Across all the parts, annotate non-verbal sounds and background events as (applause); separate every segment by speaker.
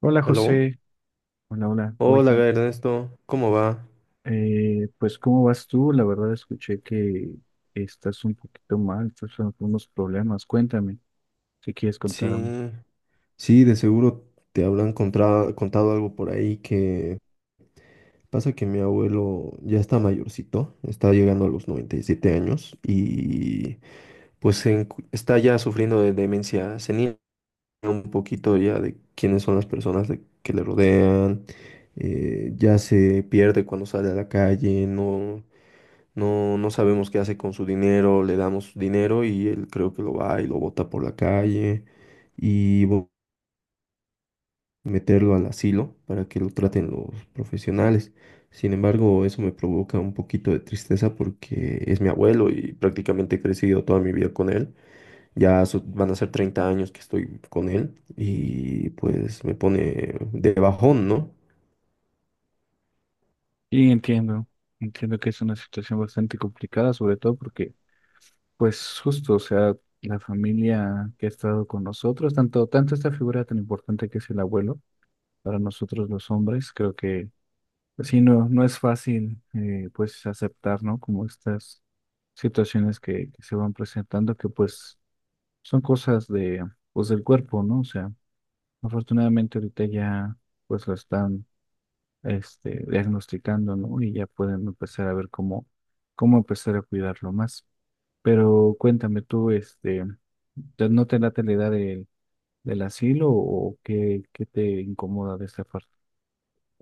Speaker 1: Hola
Speaker 2: ¿Aló?
Speaker 1: José, hola.
Speaker 2: Hola,
Speaker 1: Oye,
Speaker 2: Ernesto, ¿cómo va?
Speaker 1: pues, ¿cómo vas tú? La verdad escuché que estás un poquito mal, estás con unos problemas. Cuéntame, si quieres
Speaker 2: Sí,
Speaker 1: contarme.
Speaker 2: sí, de seguro te habrán contado algo por ahí, que pasa que mi abuelo ya está mayorcito, está llegando a los 97 años y pues está ya sufriendo de demencia senil, un poquito ya de quiénes son las personas que le rodean, ya se pierde cuando sale a la calle. No, No, no sabemos qué hace con su dinero, le damos dinero y él creo que lo va y lo bota por la calle, y meterlo al asilo para que lo traten los profesionales. Sin embargo, eso me provoca un poquito de tristeza porque es mi abuelo y prácticamente he crecido toda mi vida con él. Van a ser 30 años que estoy con él y pues me pone de bajón, ¿no?
Speaker 1: Y entiendo, entiendo que es una situación bastante complicada, sobre todo porque, pues justo, o sea, la familia que ha estado con nosotros, tanto, tanto esta figura tan importante que es el abuelo, para nosotros los hombres, creo que pues sí, no, no es fácil, pues, aceptar, ¿no? Como estas situaciones que se van presentando, que pues son cosas de, pues, del cuerpo, ¿no? O sea, afortunadamente ahorita ya, pues, lo están, este, diagnosticando, ¿no? Y ya pueden empezar a ver cómo, cómo empezar a cuidarlo más. Pero cuéntame tú, este, ¿no te late la idea del asilo o qué, qué te incomoda de esta parte?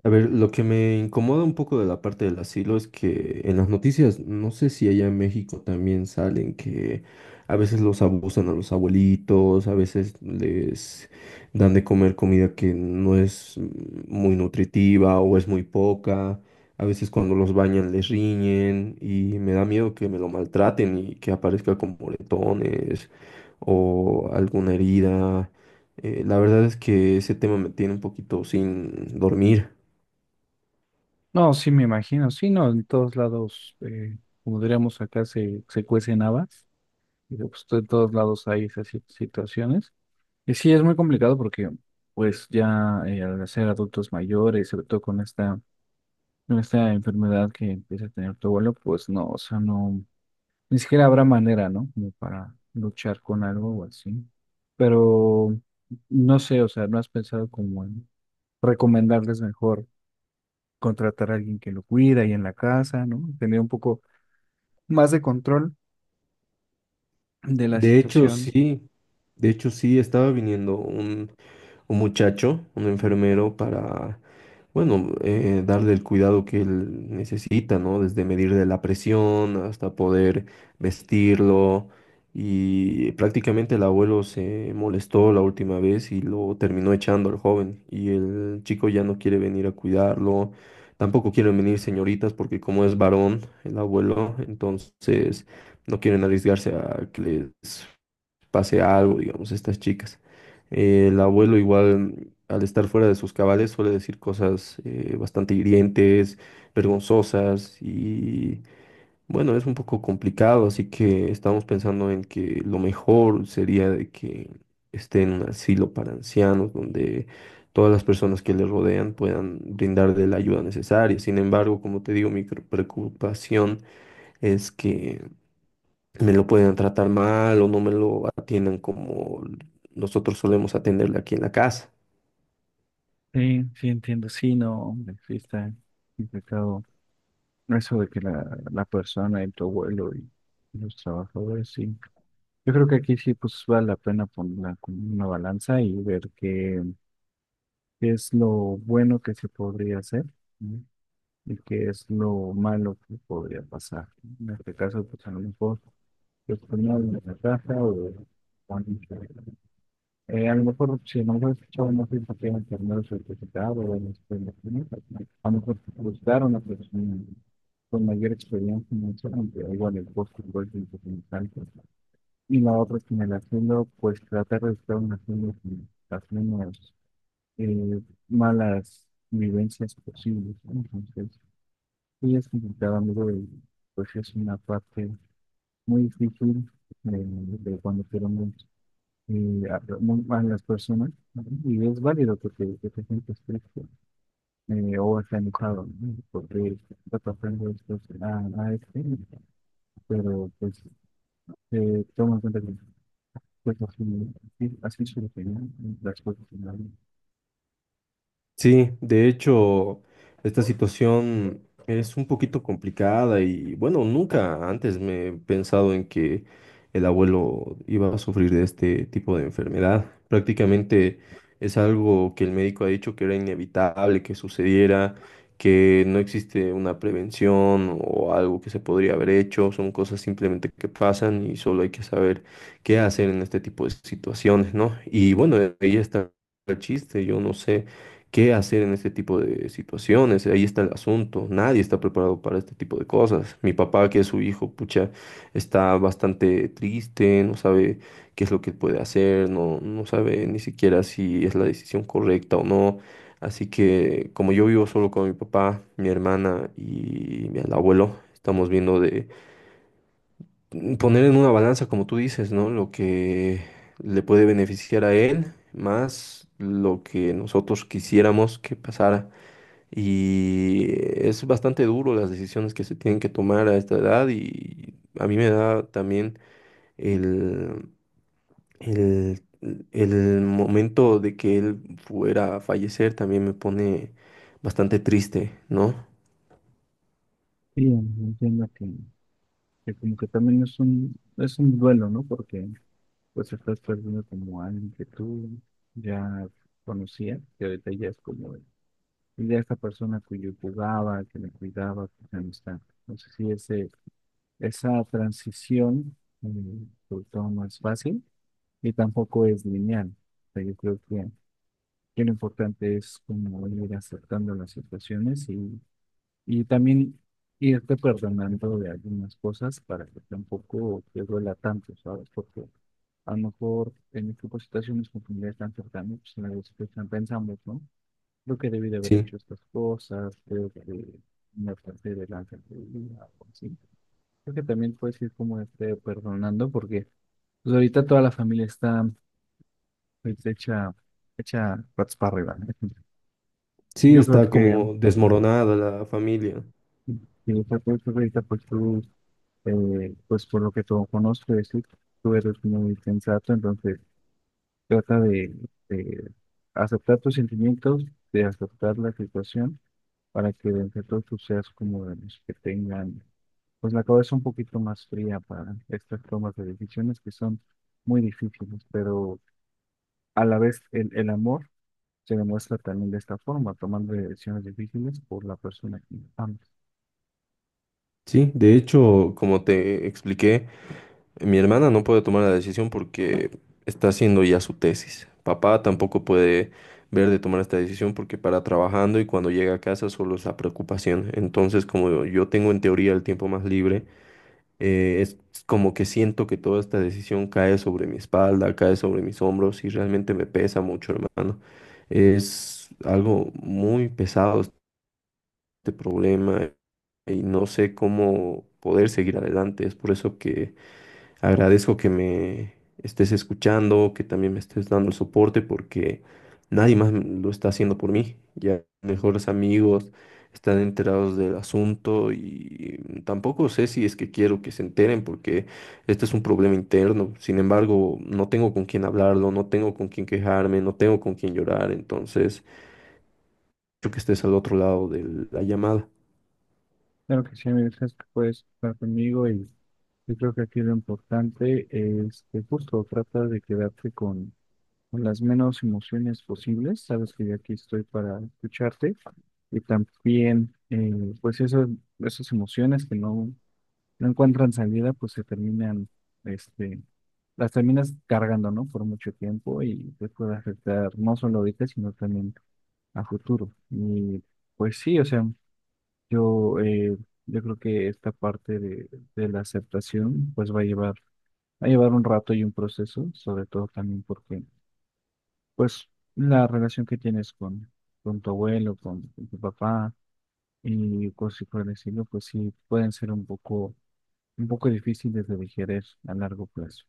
Speaker 2: A ver, lo que me incomoda un poco de la parte del asilo es que en las noticias, no sé si allá en México también salen, que a veces los abusan a los abuelitos, a veces les dan de comer comida que no es muy nutritiva o es muy poca, a veces cuando los bañan les riñen, y me da miedo que me lo maltraten y que aparezca con moretones o alguna herida. La verdad es que ese tema me tiene un poquito sin dormir.
Speaker 1: No, sí me imagino, sí, no, en todos lados, como diríamos acá, se cuecen habas, y pues, en todos lados hay esas situaciones. Y sí, es muy complicado porque pues ya al ser adultos mayores, sobre todo con esta enfermedad que empieza a tener tu abuelo, pues no, o sea, no, ni siquiera habrá manera, ¿no? Como para luchar con algo o así. Pero no sé, o sea, ¿no has pensado como en recomendarles mejor? Contratar a alguien que lo cuida ahí en la casa, ¿no? Tener un poco más de control de la
Speaker 2: De hecho,
Speaker 1: situación.
Speaker 2: sí, de hecho, sí, estaba viniendo un muchacho, un enfermero, para, bueno, darle el cuidado que él necesita, ¿no? Desde medirle la presión hasta poder vestirlo. Y prácticamente el abuelo se molestó la última vez y lo terminó echando al joven. Y el chico ya no quiere venir a cuidarlo. Tampoco quieren venir señoritas porque como es varón el abuelo, entonces no quieren arriesgarse a que les pase algo, digamos, a estas chicas. El abuelo igual, al estar fuera de sus cabales, suele decir cosas bastante hirientes, vergonzosas, y bueno, es un poco complicado, así que estamos pensando en que lo mejor sería de que esté en un asilo para ancianos donde todas las personas que le rodean puedan brindarle la ayuda necesaria. Sin embargo, como te digo, mi preocupación es que me lo pueden tratar mal o no me lo atienden como nosotros solemos atenderle aquí en la casa.
Speaker 1: Sí, sí, entiendo. Sí, no, hombre, sí está complicado. Eso de que la persona y tu abuelo y los trabajadores, sí. Yo creo que aquí sí, pues vale la pena ponerla como una balanza y ver qué, qué es lo bueno que se podría hacer, ¿no? Y qué es lo malo que podría pasar. En este caso, pues a lo mejor, yo ponía en la casa o alguien que- a lo mejor, si no lo he escuchado, no sé si tienen terminado el certificado o en a lo mejor buscar una persona con mayor experiencia financiera, aunque igual el costo igual es importante. Y la otra es que en el haciendo, pues tratar de estar un haciendo con las menos eh, malas vivencias posibles, ¿no? Entonces, sí es complicado, amigo, y pues es una parte muy difícil, de cuando tenemos y a, a las personas, ¿no? Y es válido que que te sientas triste, o estés enojado, ¿no? Porque está pasando esto a este, pero pues, toma en cuenta que pues, así, así solucionan las cosas en la vida.
Speaker 2: Sí, de hecho, esta situación es un poquito complicada y bueno, nunca antes me he pensado en que el abuelo iba a sufrir de este tipo de enfermedad. Prácticamente es algo que el médico ha dicho que era inevitable que sucediera, que no existe una prevención o algo que se podría haber hecho. Son cosas simplemente que pasan y solo hay que saber qué hacer en este tipo de situaciones, ¿no? Y bueno, ahí está el chiste, yo no sé. ¿Qué hacer en este tipo de situaciones? Ahí está el asunto. Nadie está preparado para este tipo de cosas. Mi papá, que es su hijo, pucha, está bastante triste, no sabe qué es lo que puede hacer, no, no sabe ni siquiera si es la decisión correcta o no. Así que como yo vivo solo con mi papá, mi hermana y mi el abuelo, estamos viendo de poner en una balanza, como tú dices, ¿no? Lo que le puede beneficiar a él, más lo que nosotros quisiéramos que pasara, y es bastante duro las decisiones que se tienen que tomar a esta edad, y a mí me da también el, el, el momento de que él fuera a fallecer también me pone bastante triste, ¿no?
Speaker 1: Sí, entiendo que como que también es un duelo, ¿no? Porque pues estás perdiendo como a alguien que tú ya conocías, que ahorita ya es como y de esta persona cuyo jugaba, que le cuidaba, que ya no está. Entonces, sí, ese, esa transición, eh, sobre todo no es fácil y tampoco es lineal. O sea, yo creo que lo importante es como ir aceptando las situaciones y también irte perdonando de algunas cosas para que tampoco te duela tanto, ¿sabes? Porque a lo mejor en este tipo de situaciones con familiares tan cercanas, pues a veces pues, pensamos, ¿no? Creo que debí de haber
Speaker 2: Sí,
Speaker 1: hecho estas cosas, creo que me pasé de lanza en algo así. Creo que también puedes ir como este perdonando, porque pues ahorita toda la familia está pues, hecha, hecha patas para arriba, ¿no? (laughs)
Speaker 2: sí,
Speaker 1: Yo creo
Speaker 2: está
Speaker 1: que
Speaker 2: como desmoronada la familia.
Speaker 1: si está pues ahorita pues tú, pues por lo que tú conozco, es decir, tú eres muy sensato, entonces trata de aceptar tus sentimientos, de aceptar la situación para que de entre todos tú seas como de los que tengan, pues la cabeza un poquito más fría para estas tomas de decisiones que son muy difíciles, pero a la vez el amor se demuestra también de esta forma, tomando decisiones difíciles por la persona que amas.
Speaker 2: Sí, de hecho, como te expliqué. Mi hermana no puede tomar la decisión porque está haciendo ya su tesis. Papá tampoco puede ver de tomar esta decisión porque para trabajando, y cuando llega a casa solo es la preocupación. Entonces, como yo tengo en teoría el tiempo más libre, es como que siento que toda esta decisión cae sobre mi espalda, cae sobre mis hombros y realmente me pesa mucho, hermano. Es algo muy pesado este problema y no sé cómo poder seguir adelante. Es por eso que agradezco que me estés escuchando, que también me estés dando el soporte, porque nadie más lo está haciendo por mí. Ya mejores amigos están enterados del asunto, y tampoco sé si es que quiero que se enteren, porque este es un problema interno. Sin embargo, no tengo con quién hablarlo, no tengo con quién quejarme, no tengo con quién llorar. Entonces, yo que estés al otro lado de la llamada.
Speaker 1: Claro que sí, amigo, sabes que puedes estar conmigo y yo creo que aquí lo importante es que justo trata de quedarte con las menos emociones posibles. Sabes que yo aquí estoy para escucharte y también, pues, eso, esas emociones que no, no encuentran salida, pues se terminan, este, las terminas cargando, ¿no? Por mucho tiempo y te puede afectar no solo ahorita, sino también a futuro. Y pues sí, o sea, yo, yo creo que esta parte de la aceptación, pues va a llevar un rato y un proceso, sobre todo también porque pues la relación que tienes con tu abuelo, con tu papá y cosas por el estilo, pues sí pueden ser un poco difíciles de digerir a largo plazo.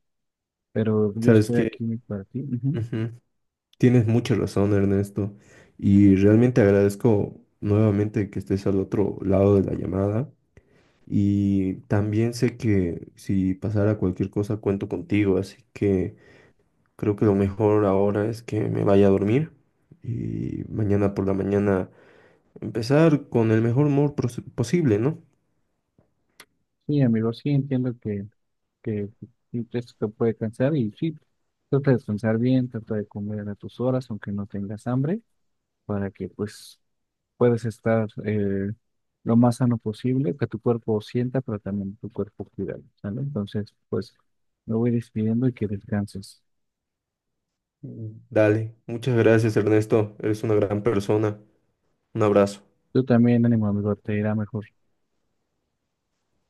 Speaker 1: Pero yo
Speaker 2: ¿Sabes
Speaker 1: estoy
Speaker 2: qué?
Speaker 1: aquí para ti. Ujú.
Speaker 2: Ujú. Tienes mucha razón, Ernesto, y realmente agradezco nuevamente que estés al otro lado de la llamada, y también sé que si pasara cualquier cosa cuento contigo, así que creo que lo mejor ahora es que me vaya a dormir, y mañana por la mañana empezar con el mejor humor posible, ¿no?
Speaker 1: Sí, amigo, sí entiendo que sí, esto te puede cansar y sí, trata de descansar bien, trata de comer a tus horas, aunque no tengas hambre, para que pues puedes estar lo más sano posible, que tu cuerpo sienta, pero también tu cuerpo cuida, ¿sale? Entonces, pues me voy despidiendo y que descanses.
Speaker 2: Dale, muchas gracias, Ernesto, eres una gran persona, un abrazo.
Speaker 1: Tú también, ánimo amigo, te irá mejor.